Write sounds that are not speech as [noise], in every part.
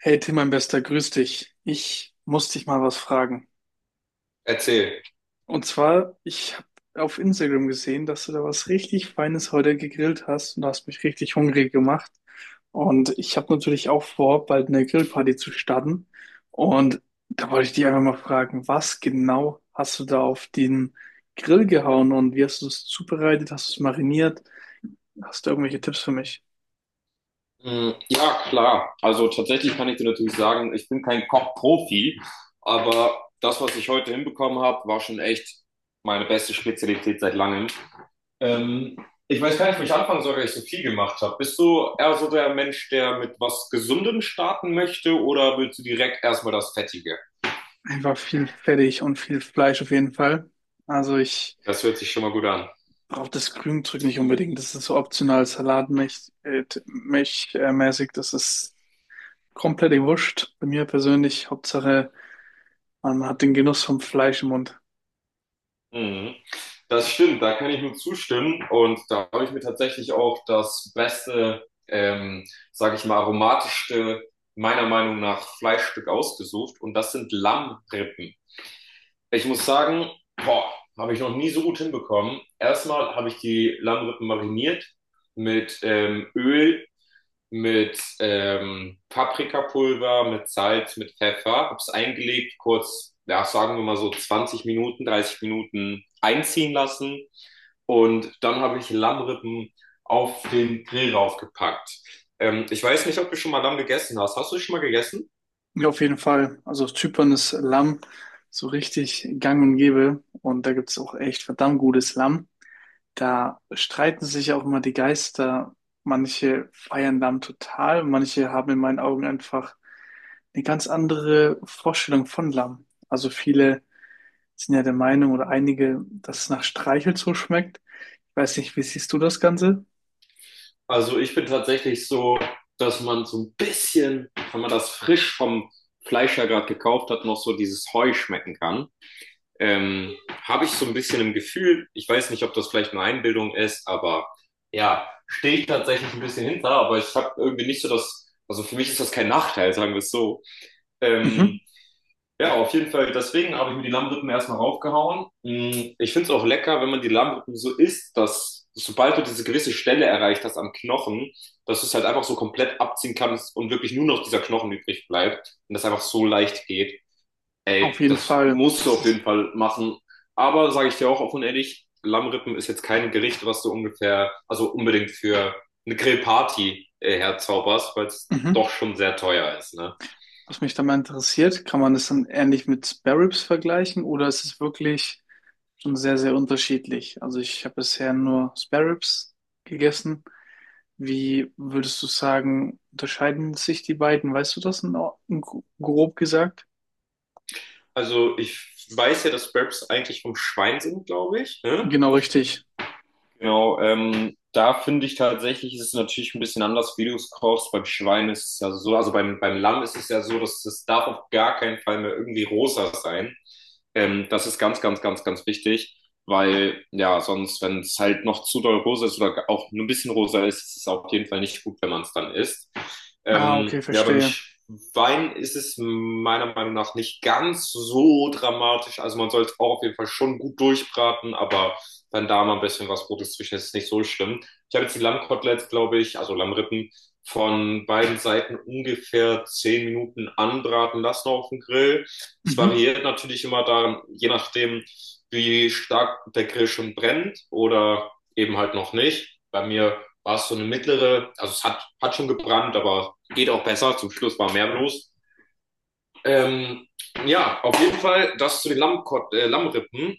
Hey Tim, mein Bester, grüß dich. Ich muss dich mal was fragen. Erzähl. Und zwar, ich habe auf Instagram gesehen, dass du da was richtig Feines heute gegrillt hast und du hast mich richtig hungrig gemacht. Und ich habe natürlich auch vor, bald eine Grillparty zu starten. Und da wollte ich dich einfach mal fragen, was genau hast du da auf den Grill gehauen und wie hast du es zubereitet? Hast du es mariniert? Hast du irgendwelche Tipps für mich? Ja, klar. Also tatsächlich kann ich dir natürlich sagen, ich bin kein Kochprofi, aber das, was ich heute hinbekommen habe, war schon echt meine beste Spezialität seit langem. Ähm, Ich weiß gar nicht, wo ich anfangen soll, weil ich so viel gemacht habe. Bist du eher so der Mensch, der mit was Gesundem starten möchte, oder willst du direkt erstmal das Fettige? Einfach viel Fettig und viel Fleisch auf jeden Fall. Also ich Das hört sich schon mal gut an. braucht das Grünzeug nicht unbedingt. Das ist so optional salatmäßig, mäßig. Das ist komplett wurscht. Bei mir persönlich, Hauptsache, man hat den Genuss vom Fleisch im Mund. Mhm. Das stimmt, da kann ich nur zustimmen. Und da habe ich mir tatsächlich auch das beste, sage ich mal, aromatischste, meiner Meinung nach, Fleischstück ausgesucht. Und das sind Lammrippen. Ich muss sagen, boah, habe ich noch nie so gut hinbekommen. Erstmal habe ich die Lammrippen mariniert mit Öl, mit Paprikapulver, mit Salz, mit Pfeffer, hab's eingelegt, kurz, ja, sagen wir mal so 20 Minuten, 30 Minuten einziehen lassen, und dann habe ich Lammrippen auf den Grill raufgepackt. Ich weiß nicht, ob du schon mal Lamm gegessen hast. Hast du schon mal gegessen? Ja, auf jeden Fall. Also auf Zypern ist Lamm so richtig gang und gäbe. Und da gibt's auch echt verdammt gutes Lamm. Da streiten sich auch immer die Geister. Manche feiern Lamm total, manche haben in meinen Augen einfach eine ganz andere Vorstellung von Lamm. Also viele sind ja der Meinung oder einige, dass es nach Streichel so schmeckt. Ich weiß nicht, wie siehst du das Ganze? Also ich bin tatsächlich so, dass man so ein bisschen, wenn man das frisch vom Fleischer gerade gekauft hat, noch so dieses Heu schmecken kann. ähm, Habe ich so ein bisschen im Gefühl, ich weiß nicht, ob das vielleicht nur Einbildung ist, aber ja, stehe ich tatsächlich ein bisschen hinter, aber ich habe irgendwie nicht so das, also für mich ist das kein Nachteil, sagen wir es so. Mhm. Ähm, ja, auf jeden Fall, deswegen habe ich mir die Lammrippen erstmal raufgehauen. Ich finde es auch lecker, wenn man die Lammrippen so isst, dass, sobald du diese gewisse Stelle erreicht hast am Knochen, dass du es halt einfach so komplett abziehen kannst und wirklich nur noch dieser Knochen übrig bleibt und das einfach so leicht geht. Ey, Auf jeden das Fall. musst du Das auf jeden ist, Fall machen. Aber sage ich dir auch offen und ehrlich, Lammrippen ist jetzt kein Gericht, was du ungefähr, also unbedingt für eine Grillparty herzauberst, weil es mhm. doch schon sehr teuer ist, ne? Was mich da mal interessiert, kann man das dann ähnlich mit Spare Ribs vergleichen oder ist es wirklich schon sehr, sehr unterschiedlich? Also ich habe bisher nur Spare Ribs gegessen. Wie würdest du sagen, unterscheiden sich die beiden? Weißt du das in, grob gesagt? Also ich weiß ja, dass Wraps eigentlich vom Schwein sind, glaube ich. Ne? Genau richtig. Genau, da finde ich tatsächlich, ist es natürlich ein bisschen anders, wie du es kochst. Beim Schwein ist es ja so, also beim Lamm ist es ja so, dass es darf auf gar keinen Fall mehr irgendwie rosa sein. Das ist ganz, ganz, ganz, ganz wichtig, weil ja, sonst, wenn es halt noch zu doll rosa ist oder auch nur ein bisschen rosa ist, ist es auf jeden Fall nicht gut, wenn man es dann isst. Ah, okay, Ja, beim verstehe. Schwein ist es meiner Meinung nach nicht ganz so dramatisch. Also man soll es auch auf jeden Fall schon gut durchbraten, aber dann da mal ein bisschen was Rotes zwischen, das ist nicht so schlimm. Ich habe jetzt die Lammkoteletts, glaube ich, also Lammrippen, von beiden Seiten ungefähr 10 Minuten anbraten lassen auf dem Grill. Es Mhm. variiert natürlich immer da, je nachdem, wie stark der Grill schon brennt oder eben halt noch nicht. Bei mir war es so eine mittlere, also es hat schon gebrannt, aber geht auch besser. Zum Schluss war mehr los. Ähm, ja, auf jeden Fall das zu den Lammkot Lammrippen.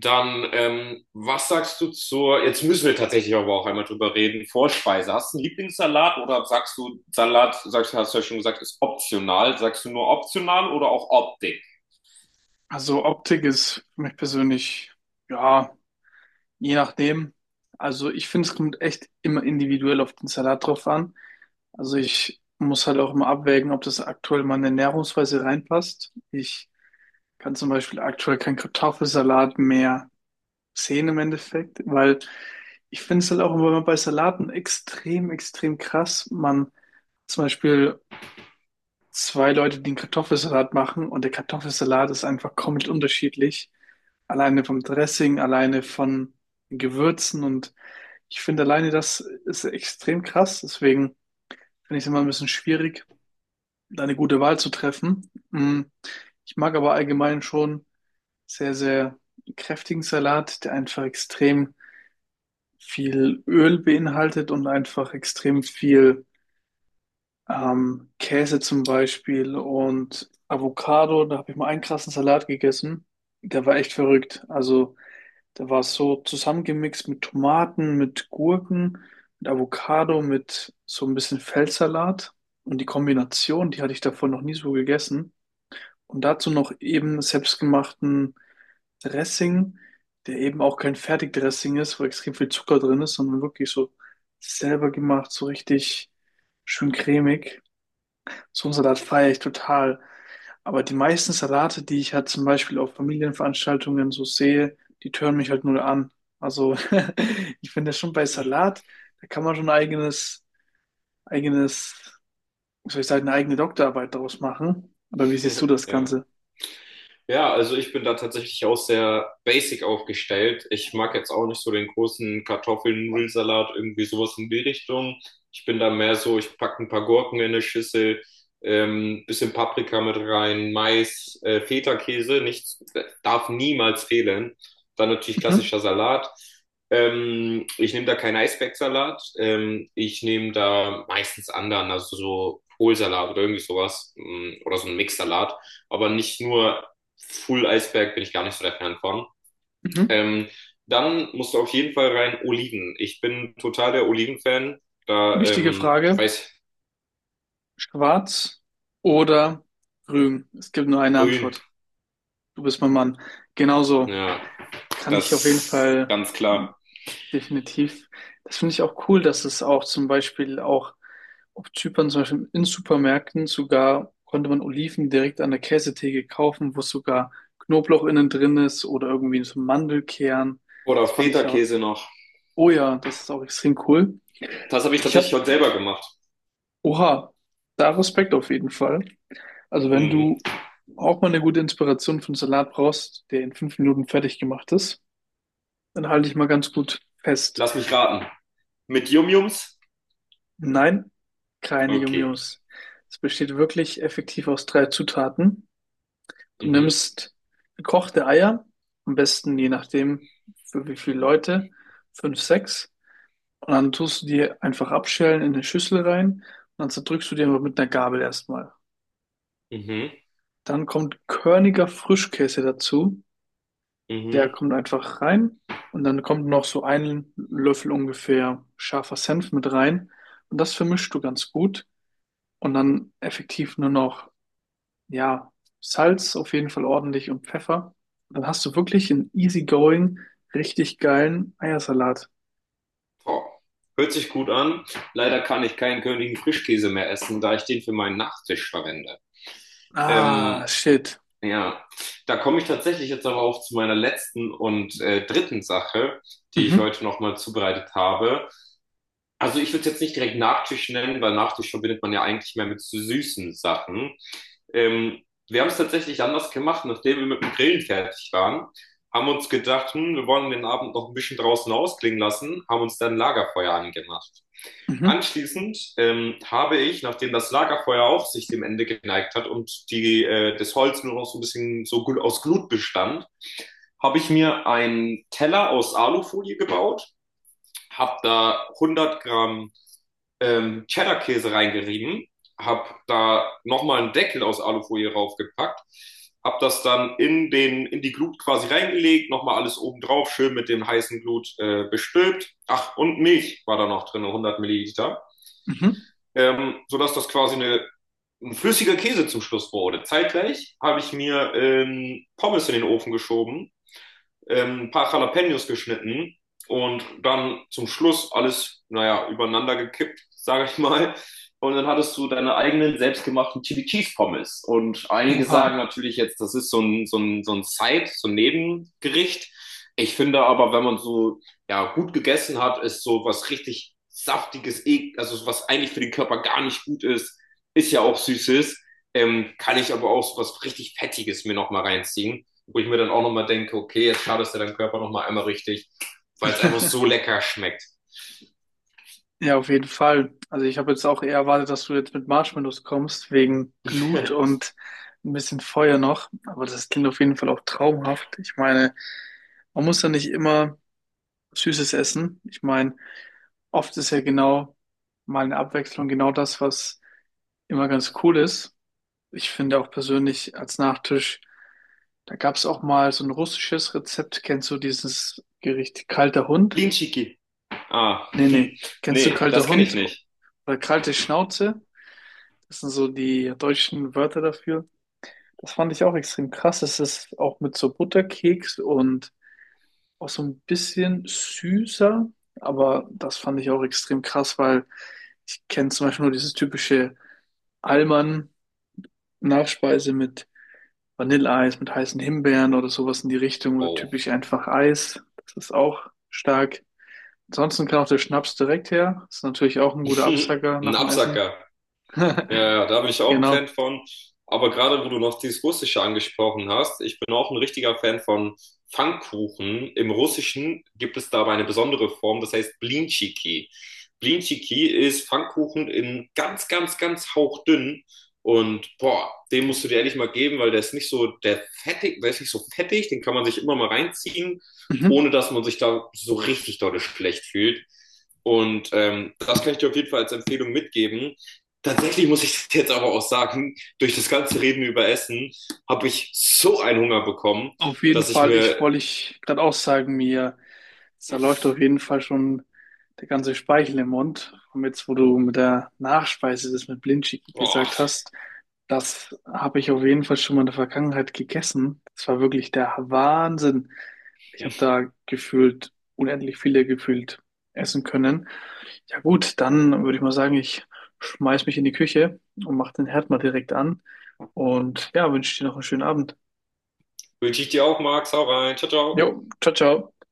Dann, was sagst du zur, jetzt müssen wir tatsächlich aber auch einmal drüber reden, Vorspeise. Hast du einen Lieblingssalat oder sagst du, Salat, sagst du, hast du ja schon gesagt, ist optional. Sagst du nur optional oder auch Optik? Also Optik ist für mich persönlich, ja, je nachdem. Also ich finde, es kommt echt immer individuell auf den Salat drauf an. Also ich muss halt auch immer abwägen, ob das aktuell meine Ernährungsweise reinpasst. Ich kann zum Beispiel aktuell keinen Kartoffelsalat mehr sehen im Endeffekt, weil ich finde es halt auch immer bei Salaten extrem, extrem krass. Man zum Beispiel zwei Leute, die einen Kartoffelsalat machen und der Kartoffelsalat ist einfach komplett unterschiedlich. Alleine vom Dressing, alleine von den Gewürzen und ich finde alleine das ist extrem krass. Deswegen finde ich es immer ein bisschen schwierig, da eine gute Wahl zu treffen. Ich mag aber allgemein schon sehr, sehr kräftigen Salat, der einfach extrem viel Öl beinhaltet und einfach extrem viel Käse zum Beispiel und Avocado, da habe ich mal einen krassen Salat gegessen. Der war echt verrückt. Also, der war so zusammengemixt mit Tomaten, mit Gurken, mit Avocado, mit so ein bisschen Feldsalat. Und die Kombination, die hatte ich davon noch nie so gegessen. Und dazu noch eben selbstgemachten Dressing, der eben auch kein Fertigdressing ist, wo extrem viel Zucker drin ist, sondern wirklich so selber gemacht, so richtig schön cremig. So einen Salat feiere ich total. Aber die meisten Salate, die ich halt zum Beispiel auf Familienveranstaltungen so sehe, die tören mich halt null an. Also [laughs] ich finde schon bei Salat, da kann man schon eigenes, wie soll ich sagen, eine eigene Doktorarbeit daraus machen. Aber wie siehst du [laughs] das Ja. Ganze? Ja, also ich bin da tatsächlich auch sehr basic aufgestellt. Ich mag jetzt auch nicht so den großen Kartoffelnudelsalat, irgendwie sowas in die Richtung. Ich bin da mehr so, ich packe ein paar Gurken in eine Schüssel, bisschen Paprika mit rein, Mais, Feta-Käse, nichts, darf niemals fehlen. Dann natürlich Mhm. klassischer Salat. Ich nehme da keinen Eisbergsalat. Ich nehme da meistens anderen, also so Kohlsalat oder irgendwie sowas, oder so ein Mixsalat, aber nicht nur Full Eisberg bin ich gar nicht so der Fan von. Mhm. Ähm, Dann musst du auf jeden Fall rein Oliven. Ich bin total der Oliven-Fan. Da, Wichtige Frage. weiß, Schwarz oder grün? Es gibt nur eine grün. Antwort. Du bist mein Mann. Genauso Ja, kann ich auf jeden das Fall ganz klar. definitiv. Das finde ich auch cool, dass es auch zum Beispiel auch auf Zypern, zum Beispiel in Supermärkten sogar konnte man Oliven direkt an der Käsetheke kaufen, wo sogar Knoblauch innen drin ist oder irgendwie so Mandelkern. Oder Das fand ich ja, Feta-Käse noch. oh ja, das ist auch extrem cool. Das habe ich Ich tatsächlich habe, heute selber gemacht. oha, da Respekt auf jeden Fall. Also wenn Mhm. du auch mal eine gute Inspiration für einen Salat brauchst, der in 5 Minuten fertig gemacht ist, dann halte ich mal ganz gut fest. Lass mich raten. Mit Yum-Yums? Nein, keine Okay. Yum-Yums. Es besteht wirklich effektiv aus drei Zutaten. Du Mhm. nimmst gekochte Eier, am besten je nachdem für wie viele Leute, fünf, sechs. Und dann tust du die einfach abschälen in eine Schüssel rein und dann zerdrückst du die aber mit einer Gabel erstmal. Mhm. Dann kommt körniger Frischkäse dazu. Der Mhm. kommt einfach rein und dann kommt noch so ein Löffel ungefähr scharfer Senf mit rein. Und das vermischst du ganz gut und dann effektiv nur noch ja, Salz auf jeden Fall ordentlich und Pfeffer. Dann hast du wirklich einen easygoing, richtig geilen Eiersalat. Boah. Hört sich gut an. Leider kann ich keinen Königin Frischkäse mehr essen, da ich den für meinen Nachtisch verwende. Ah, Ähm, shit. Ja, da komme ich tatsächlich jetzt aber auch zu meiner letzten und dritten Sache, die ich Mhm, heute nochmal zubereitet habe. Also ich würde es jetzt nicht direkt Nachtisch nennen, weil Nachtisch verbindet man ja eigentlich mehr mit so süßen Sachen. Ähm, Wir haben es tatsächlich anders gemacht, nachdem wir mit dem Grillen fertig waren, haben uns gedacht, hm, wir wollen den Abend noch ein bisschen draußen ausklingen lassen, haben uns dann ein Lagerfeuer angemacht. mhm, Anschließend habe ich, nachdem das Lagerfeuer auch sich dem Ende geneigt hat und das Holz nur noch so ein bisschen so gut aus Glut bestand, habe ich mir einen Teller aus Alufolie gebaut, habe da 100 Gramm Cheddar-Käse reingerieben, habe da nochmal einen Deckel aus Alufolie draufgepackt, habe das dann in die Glut quasi reingelegt, nochmal alles oben drauf, schön mit dem heißen Glut bestülpt. Ach, und Milch war da noch drin, 100 Milliliter, mhm. Sodass das quasi ein flüssiger Käse zum Schluss wurde. Zeitgleich habe ich mir Pommes in den Ofen geschoben, ein paar Jalapenos geschnitten und dann zum Schluss alles, naja, übereinander gekippt, [laughs] sage ich mal. Und dann hattest du deine eigenen selbstgemachten Chili Cheese Pommes. Und einige sagen Oha. natürlich jetzt, das ist so ein, so ein, so ein Side, so ein Nebengericht. Ich finde aber, wenn man so, ja, gut gegessen hat, ist so was richtig saftiges, also so was eigentlich für den Körper gar nicht gut ist, ist ja auch Süßes. Kann ich aber auch so was richtig Fettiges mir nochmal reinziehen, wo ich mir dann auch nochmal denke, okay, jetzt schadest du deinem Körper nochmal einmal richtig, weil es einfach so [laughs] lecker schmeckt. Ja, auf jeden Fall. Also ich habe jetzt auch eher erwartet, dass du jetzt mit Marshmallows kommst, wegen Glut [laughs] und ein bisschen Feuer noch. Aber das klingt auf jeden Fall auch traumhaft. Ich meine, man muss ja nicht immer Süßes essen. Ich meine, oft ist ja genau mal eine Abwechslung genau das, was immer ganz cool ist. Ich finde auch persönlich als Nachtisch, da gab es auch mal so ein russisches Rezept. Kennst du dieses Gericht kalter Hund? Blinchiki. Ah, Nee, hm. nee. Kennst du Nee, kalter das kenne ich Hund nicht. oder kalte Schnauze? Das sind so die deutschen Wörter dafür. Das fand ich auch extrem krass. Es ist auch mit so Butterkeks und auch so ein bisschen süßer. Aber das fand ich auch extrem krass, weil ich kenne zum Beispiel nur dieses typische Allmann-Nachspeise mit Vanilleeis mit heißen Himbeeren oder sowas in die Richtung oder Oh, typisch einfach Eis. Das ist auch stark. Ansonsten kann auch der Schnaps direkt her. Ist natürlich auch ein guter [laughs] Absacker ein nach dem Essen. Absacker. [laughs] Ja, ja, da bin ich auch ein Fan Genau. von. Aber gerade wo du noch dieses Russische angesprochen hast, ich bin auch ein richtiger Fan von Pfannkuchen. Im Russischen gibt es dabei eine besondere Form, das heißt Blinchiki. Blinchiki ist Pfannkuchen in ganz, ganz, ganz hauchdünn. Und boah, den musst du dir ehrlich mal geben, weil der ist nicht so der fettig, der ist nicht so fettig, den kann man sich immer mal reinziehen, Mhm. ohne dass man sich da so richtig dolle schlecht fühlt. Und das kann ich dir auf jeden Fall als Empfehlung mitgeben. Tatsächlich muss ich [laughs] jetzt aber auch sagen, durch das ganze Reden über Essen habe ich so einen Hunger bekommen, Auf jeden dass ich Fall, ich mir, wollte ich gerade auch sagen, mir, da läuft auf jeden Fall schon der ganze Speichel im Mund. Und jetzt, wo du mit der Nachspeise das mit Blindschicki gesagt oh, hast, das habe ich auf jeden Fall schon mal in der Vergangenheit gegessen. Das war wirklich der Wahnsinn. Ich habe [laughs] da gefühlt unendlich viele gefühlt essen können. Ja gut, dann würde ich mal sagen, ich schmeiß mich in die Küche und mache den Herd mal direkt an und ja, wünsche dir noch einen schönen Abend. wünsche ich dir auch, Max, hau rein, ciao, Jo, ciao. ciao, ciao.